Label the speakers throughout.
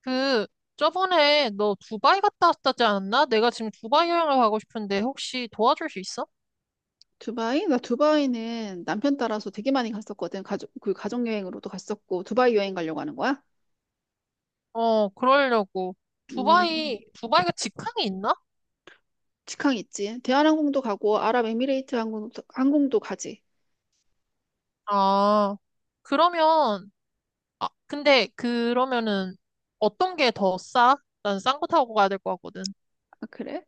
Speaker 1: 그, 저번에 너 두바이 갔다 왔다지 않았나? 내가 지금 두바이 여행을 가고 싶은데 혹시 도와줄 수 있어?
Speaker 2: 두바이? 나 두바이는 남편 따라서 되게 많이 갔었거든. 가족여행으로도 갔었고, 두바이 여행 가려고 하는 거야?
Speaker 1: 어, 그러려고.
Speaker 2: 음,
Speaker 1: 두바이가 직항이 있나?
Speaker 2: 직항 있지. 대한항공도 가고, 아랍에미레이트 항공도 가지.
Speaker 1: 아, 그러면, 아, 근데 그러면은 어떤 게 더 싸? 난 싼 거 타고 가야 될 것 같거든.
Speaker 2: 아, 그래?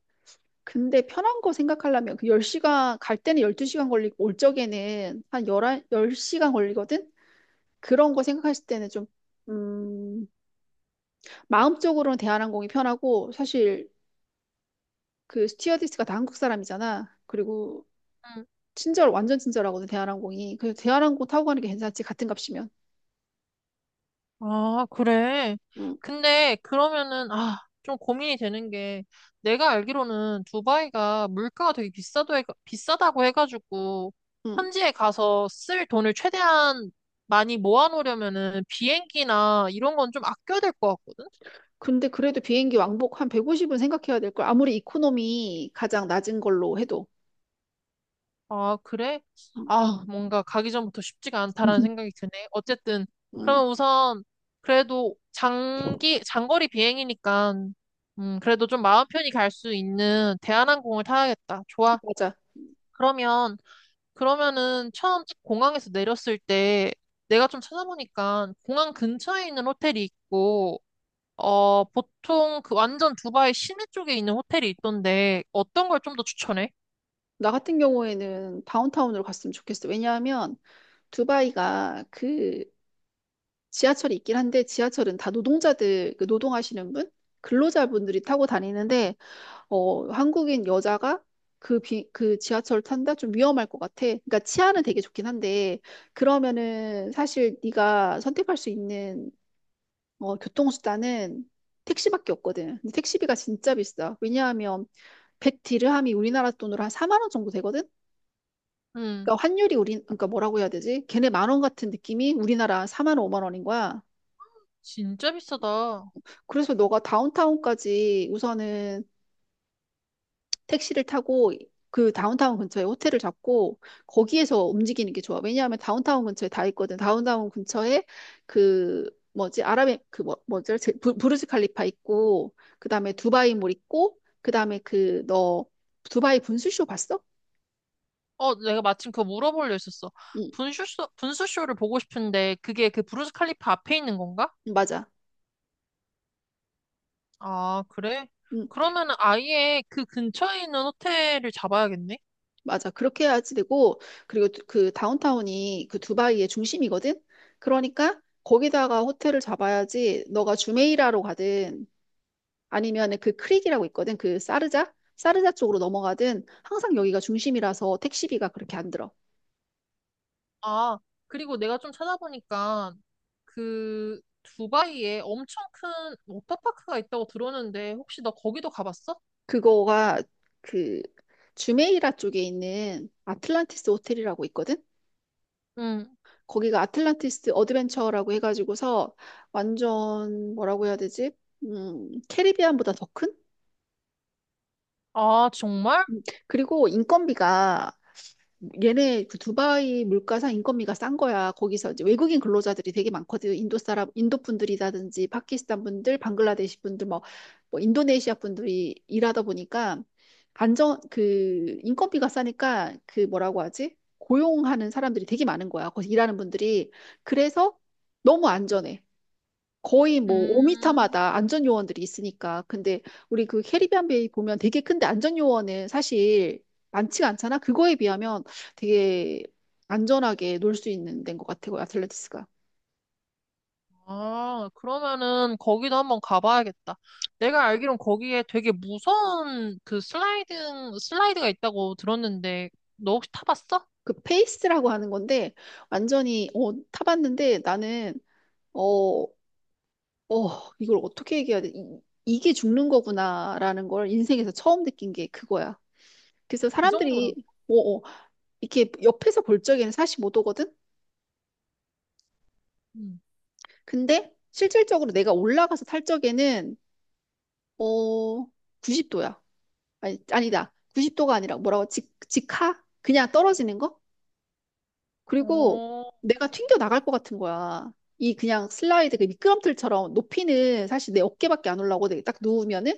Speaker 2: 근데 편한 거 생각하려면 그 10시간, 갈 때는 12시간 걸리고, 올 적에는 한1한열0시간 걸리거든? 그런 거 생각하실 때는 좀, 음, 마음적으로는 대한항공이 편하고, 사실 그 스튜어디스가 다 한국 사람이잖아. 그리고
Speaker 1: 응.
Speaker 2: 친절, 완전 친절하거든, 대한항공이. 그래서 대한항공 타고 가는 게 괜찮지, 같은 값이면.
Speaker 1: 아, 그래.
Speaker 2: 응,
Speaker 1: 근데 그러면은, 아, 좀 고민이 되는 게, 내가 알기로는 두바이가 물가가 비싸다고 해가지고,
Speaker 2: 응.
Speaker 1: 현지에 가서 쓸 돈을 최대한 많이 모아놓으려면은 비행기나 이런 건 좀 아껴야 될 것 같거든?
Speaker 2: 근데 그래도 비행기 왕복 한 150은 생각해야 될 걸. 아무리 이코노미 가장 낮은 걸로 해도.
Speaker 1: 아, 그래?
Speaker 2: 응,
Speaker 1: 아, 뭔가 가기 전부터 쉽지가 않다라는 생각이 드네. 어쨌든,
Speaker 2: 응,
Speaker 1: 그러면 우선, 장거리 비행이니까, 그래도 좀 마음 편히 갈 수 있는 대한항공을 타야겠다. 좋아.
Speaker 2: 맞아.
Speaker 1: 그러면, 그러면은 처음 딱 공항에서 내렸을 때, 내가 좀 찾아보니까, 공항 근처에 있는 호텔이 있고, 어, 보통 그 완전 두바이 시내 쪽에 있는 호텔이 있던데, 어떤 걸 좀 더 추천해?
Speaker 2: 나 같은 경우에는 다운타운으로 갔으면 좋겠어. 왜냐하면 두바이가 그 지하철이 있긴 한데 지하철은 다 노동자들, 그 노동하시는 분? 근로자분들이 타고 다니는데 한국인 여자가 그 지하철 탄다? 좀 위험할 것 같아. 그러니까 치안은 되게 좋긴 한데, 그러면은 사실 네가 선택할 수 있는 교통수단은 택시밖에 없거든. 근데 택시비가 진짜 비싸. 왜냐하면 백 디르함이 우리나라 돈으로 한 4만 원 정도 되거든?
Speaker 1: 음,
Speaker 2: 그러니까 환율이 우리, 그러니까 뭐라고 해야 되지? 걔네 10,000원 같은 느낌이 우리나라 4만 원, 5만 원인 거야.
Speaker 1: 진짜 비싸다.
Speaker 2: 그래서 너가 다운타운까지 우선은 택시를 타고 그 다운타운 근처에 호텔을 잡고 거기에서 움직이는 게 좋아. 왜냐하면 다운타운 근처에 다 있거든. 다운타운 근처에 그 뭐지? 아랍의 그 뭐지? 부르즈 칼리파 있고 그다음에 두바이몰 있고 그다음에 그 너 두바이 분수쇼 봤어?
Speaker 1: 어, 내가 마침 그거 물어보려 했었어.
Speaker 2: 응.
Speaker 1: 분수쇼를 보고 싶은데 그게 그 브루스 칼리프 앞에 있는 건가?
Speaker 2: 응, 맞아.
Speaker 1: 아, 그래?
Speaker 2: 응.
Speaker 1: 그러면은 아예 그 근처에 있는 호텔을 잡아야겠네?
Speaker 2: 맞아. 그렇게 해야지 되고 그리고 그 다운타운이 그 두바이의 중심이거든. 그러니까 거기다가 호텔을 잡아야지 너가 주메이라로 가든 아니면 그 크릭이라고 있거든. 그 사르자? 사르자 쪽으로 넘어가든 항상 여기가 중심이라서 택시비가 그렇게 안 들어.
Speaker 1: 아, 그리고 내가 좀 찾아보니까 그 두바이에 엄청 큰 워터파크가 있다고 들었는데 혹시 너 거기도 가봤어?
Speaker 2: 그거가 그 주메이라 쪽에 있는 아틀란티스 호텔이라고 있거든.
Speaker 1: 응.
Speaker 2: 거기가 아틀란티스 어드벤처라고 해가지고서 완전 뭐라고 해야 되지? 캐리비안보다 더 큰?
Speaker 1: 아, 정말?
Speaker 2: 그리고 인건비가 얘네 그 두바이 물가상 인건비가 싼 거야. 거기서 이제 외국인 근로자들이 되게 많거든. 인도 사람, 인도 분들이라든지 파키스탄 분들, 방글라데시 분들, 뭐, 뭐 인도네시아 분들이 일하다 보니까 안정 그 인건비가 싸니까 그 뭐라고 하지? 고용하는 사람들이 되게 많은 거야. 거기서 일하는 분들이. 그래서 너무 안전해. 거의 뭐
Speaker 1: 음.
Speaker 2: 5m마다 안전 요원들이 있으니까. 근데 우리 그 캐리비안 베이 보면 되게 큰데 안전 요원은 사실 많지가 않잖아. 그거에 비하면 되게 안전하게 놀 수 있는 데인 것 같아요. 아틀레티스가.
Speaker 1: 아, 그러면은 거기도 한번 가봐야겠다. 내가 알기론 거기에 되게 무서운 슬라이드가 있다고 들었는데, 너 혹시 타봤어?
Speaker 2: 그 페이스라고 하는 건데 완전히 타봤는데 나는 어, 어, 이걸 어떻게 얘기해야 돼? 이게 죽는 거구나라는 걸 인생에서 처음 느낀 게 그거야. 그래서
Speaker 1: 그
Speaker 2: 사람들이
Speaker 1: 정도라고.
Speaker 2: 어, 어, 이렇게 옆에서 볼 적에는 45도거든?
Speaker 1: 응.
Speaker 2: 근데 실질적으로 내가 올라가서 탈 적에는 어 90도야. 아니 아니다. 90도가 아니라 뭐라고 직 직하? 그냥 떨어지는 거? 그리고
Speaker 1: 어,
Speaker 2: 내가 튕겨 나갈 것 같은 거야. 이 그냥 슬라이드 그 미끄럼틀처럼 높이는 사실 내 어깨밖에 안 올라오고 내가 딱 누우면은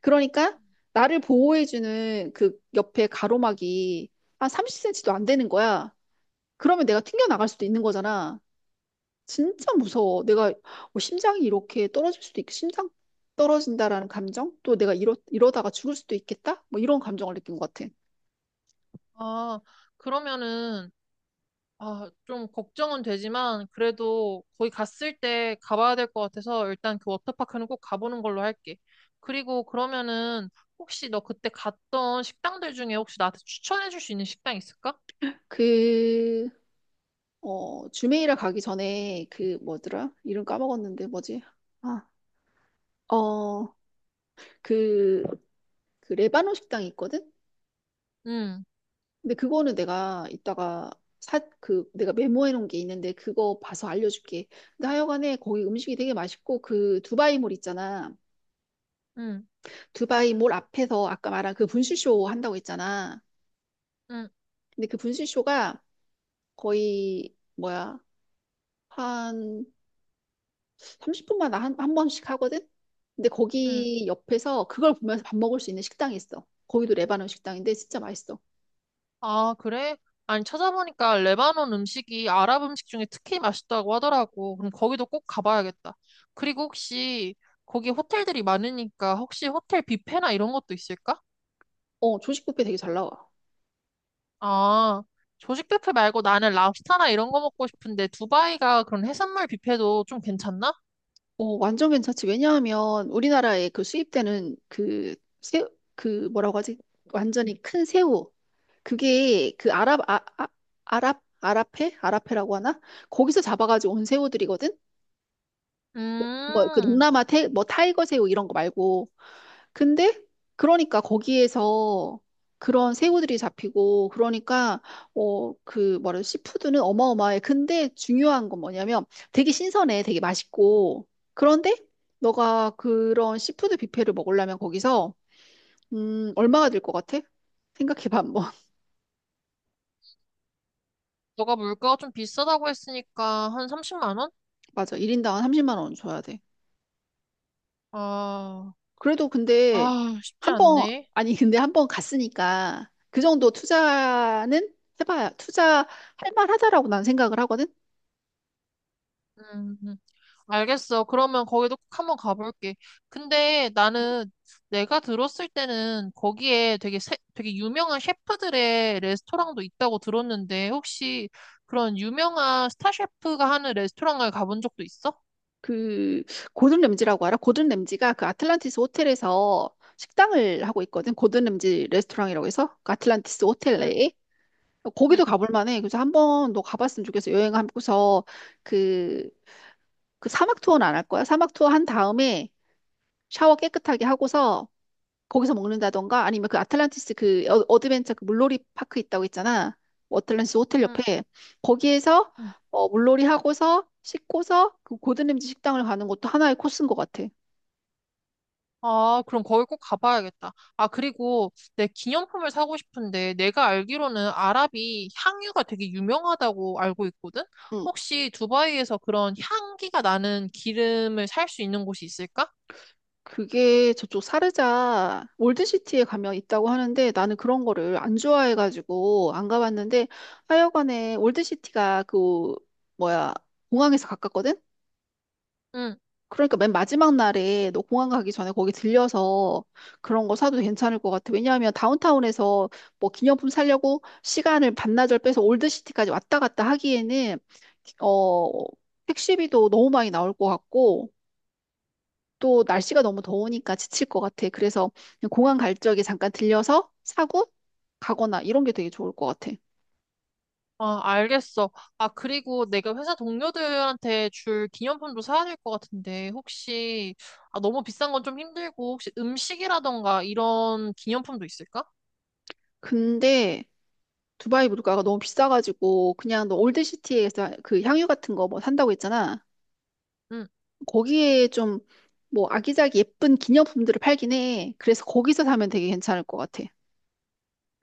Speaker 2: 그러니까 나를 보호해주는 그 옆에 가로막이 한 30cm도 안 되는 거야. 그러면 내가 튕겨 나갈 수도 있는 거잖아. 진짜 무서워. 내가 뭐 심장이 이렇게 떨어질 수도 있고, 심장 떨어진다라는 감정? 또 내가 이러다가 죽을 수도 있겠다? 뭐 이런 감정을 느낀 것 같아.
Speaker 1: 아, 그러면은, 아, 좀 걱정은 되지만, 그래도 거기 갔을 때 가봐야 될 것 같아서 일단 그 워터파크는 꼭 가보는 걸로 할게. 그리고 그러면은, 혹시 너 그때 갔던 식당들 중에 혹시 나한테 추천해줄 수 있는 식당 있을까?
Speaker 2: 그, 주메이라 가기 전에 그 뭐더라? 이름 까먹었는데 뭐지? 아, 어, 그, 그 레바논 식당이 있거든?
Speaker 1: 응,
Speaker 2: 근데 그거는 내가 이따가 그, 내가 메모해 놓은 게 있는데 그거 봐서 알려줄게. 근데 하여간에 거기 음식이 되게 맛있고 그 두바이몰 있잖아.
Speaker 1: 응,
Speaker 2: 두바이 몰 앞에서 아까 말한 그 분수쇼 한다고 했잖아.
Speaker 1: 응.
Speaker 2: 근데 그 분수쇼가 거의 뭐야 한 30분마다 한 번씩 하거든. 근데
Speaker 1: 응.
Speaker 2: 거기 옆에서 그걸 보면서 밥 먹을 수 있는 식당이 있어. 거기도 레바논 식당인데 진짜 맛있어.
Speaker 1: 아, 그래? 아니, 찾아보니까 레바논 음식이 아랍 음식 중에 특히 맛있다고 하더라고. 그럼 거기도 꼭 가봐야겠다. 그리고 혹시 거기 호텔들이 많으니까 혹시 호텔 뷔페나 이런 것도 있을까?
Speaker 2: 조식 뷔페 되게 잘 나와.
Speaker 1: 아, 조식 뷔페 말고 나는 랍스타나 이런 거 먹고 싶은데 두바이가 그런 해산물 뷔페도 좀 괜찮나?
Speaker 2: 완전 괜찮지. 왜냐하면 우리나라에 그 수입되는 그 새 그 뭐라고 하지? 완전히 큰 새우 그게 그 아랍 아랍해? 아랍해라고 하나? 거기서 잡아가지고 온 새우들이거든? 뭐 그
Speaker 1: 음,
Speaker 2: 동남아 뭐 타이거 새우 이런 거 말고 근데 그러니까 거기에서 그런 새우들이 잡히고 그러니까 그 뭐래 시푸드는 어마어마해 근데 중요한 건 뭐냐면 되게 신선해 되게 맛있고 그런데 너가 그런 시푸드 뷔페를 먹으려면 거기서 얼마가 들 것 같아? 생각해봐 한번
Speaker 1: 너가 물가가 좀 비싸다고 했으니까 한 30만 원?
Speaker 2: 맞아 1인당 한 30만 원 줘야 돼.
Speaker 1: 아,
Speaker 2: 그래도 근데
Speaker 1: 아, 쉽지
Speaker 2: 한 번,
Speaker 1: 않네.
Speaker 2: 아니, 근데 한 번 갔으니까 그 정도 투자는 투자할 만하다라고 난 생각을 하거든?
Speaker 1: 음. 음. 알겠어. 그러면 거기도 꼭 한번 가볼게. 근데 나는 내가 들었을 때는 거기에 되게 유명한 셰프들의 레스토랑도 있다고 들었는데 혹시 그런 유명한 스타 셰프가 하는 레스토랑을 가본 적도 있어?
Speaker 2: 그, 고든 램지라고 알아? 고든 램지가 그 아틀란티스 호텔에서 식당을 하고 있거든? 고든 램지 레스토랑이라고 해서? 그 아틀란티스 호텔
Speaker 1: 응,
Speaker 2: 내에?
Speaker 1: 응,
Speaker 2: 거기도 가볼 만해. 그래서 한 번 너 가봤으면 좋겠어. 여행하고서 그, 그 사막 투어는 안 할 거야. 사막 투어 한 다음에 샤워 깨끗하게 하고서 거기서 먹는다던가 아니면 그 아틀란티스 그 어드벤처 그 물놀이 파크 있다고 했잖아. 뭐 어틀란티스 호텔 옆에 거기에서
Speaker 1: 응.
Speaker 2: 물놀이 하고서 씻고서 그 고든램지 식당을 가는 것도 하나의 코스인 것 같아.
Speaker 1: 아, 그럼 거기 꼭 가봐야겠다. 아, 그리고 내 기념품을 사고 싶은데 내가 알기로는 아랍이 향유가 되게 유명하다고 알고 있거든?
Speaker 2: 응,
Speaker 1: 혹시 두바이에서 그런 향기가 나는 기름을 살 수 있는 곳이 있을까?
Speaker 2: 그게 저쪽 사르자 올드시티에 가면 있다고 하는데 나는 그런 거를 안 좋아해가지고 안 가봤는데 하여간에 올드시티가 그 뭐야 공항에서 가깝거든?
Speaker 1: 응,
Speaker 2: 그러니까 맨 마지막 날에 너 공항 가기 전에 거기 들려서 그런 거 사도 괜찮을 것 같아. 왜냐하면 다운타운에서 뭐 기념품 사려고 시간을 반나절 빼서 올드시티까지 왔다 갔다 하기에는 어 택시비도 너무 많이 나올 것 같고 또 날씨가 너무 더우니까 지칠 것 같아. 그래서 그냥 공항 갈 적에 잠깐 들려서 사고 가거나 이런 게 되게 좋을 것 같아.
Speaker 1: 아, 알겠어. 아, 그리고 내가 회사 동료들한테 줄 기념품도 사야 될 것 같은데 혹시 아, 너무 비싼 건 좀 힘들고 혹시 음식이라던가 이런 기념품도 있을까?
Speaker 2: 근데 두바이 물가가 너무 비싸가지고 그냥 너 올드시티에서 그 향유 같은 거 뭐 산다고 했잖아.
Speaker 1: 응.
Speaker 2: 거기에 좀 뭐 아기자기 예쁜 기념품들을 팔긴 해. 그래서 거기서 사면 되게 괜찮을 것 같아.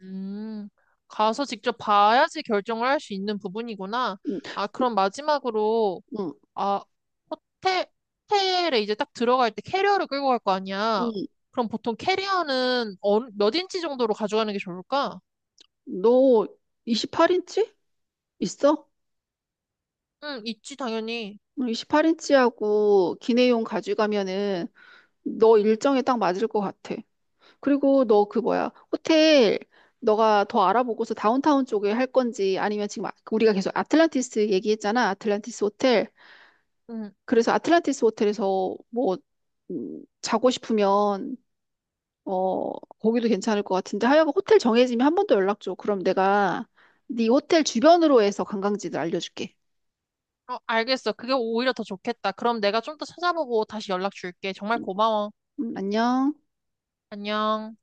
Speaker 1: 음, 가서 직접 봐야지 결정을 할 수 있는 부분이구나.
Speaker 2: 응,
Speaker 1: 아, 그럼 마지막으로,
Speaker 2: 응,
Speaker 1: 아, 호텔, 호텔에 이제 딱 들어갈 때 캐리어를 끌고 갈 거 아니야.
Speaker 2: 응.
Speaker 1: 그럼 보통 캐리어는 어, 몇 인치 정도로 가져가는 게 좋을까?
Speaker 2: 너 28인치 있어?
Speaker 1: 응, 있지, 당연히.
Speaker 2: 28인치하고 기내용 가져가면은 너 일정에 딱 맞을 것 같아. 그리고 너 그 뭐야 호텔 너가 더 알아보고서 다운타운 쪽에 할 건지 아니면 지금 우리가 계속 아틀란티스 얘기했잖아. 아틀란티스 호텔.
Speaker 1: 응,
Speaker 2: 그래서 아틀란티스 호텔에서 뭐 자고 싶으면 어, 거기도 괜찮을 것 같은데 하여간 호텔 정해지면 한 번 더 연락 줘. 그럼 내가 네 호텔 주변으로 해서 관광지들 알려줄게.
Speaker 1: 어, 알겠어. 그게 오히려 더 좋겠다. 그럼 내가 좀 더 찾아보고 다시 연락 줄게. 정말
Speaker 2: 음,
Speaker 1: 고마워.
Speaker 2: 안녕.
Speaker 1: 안녕.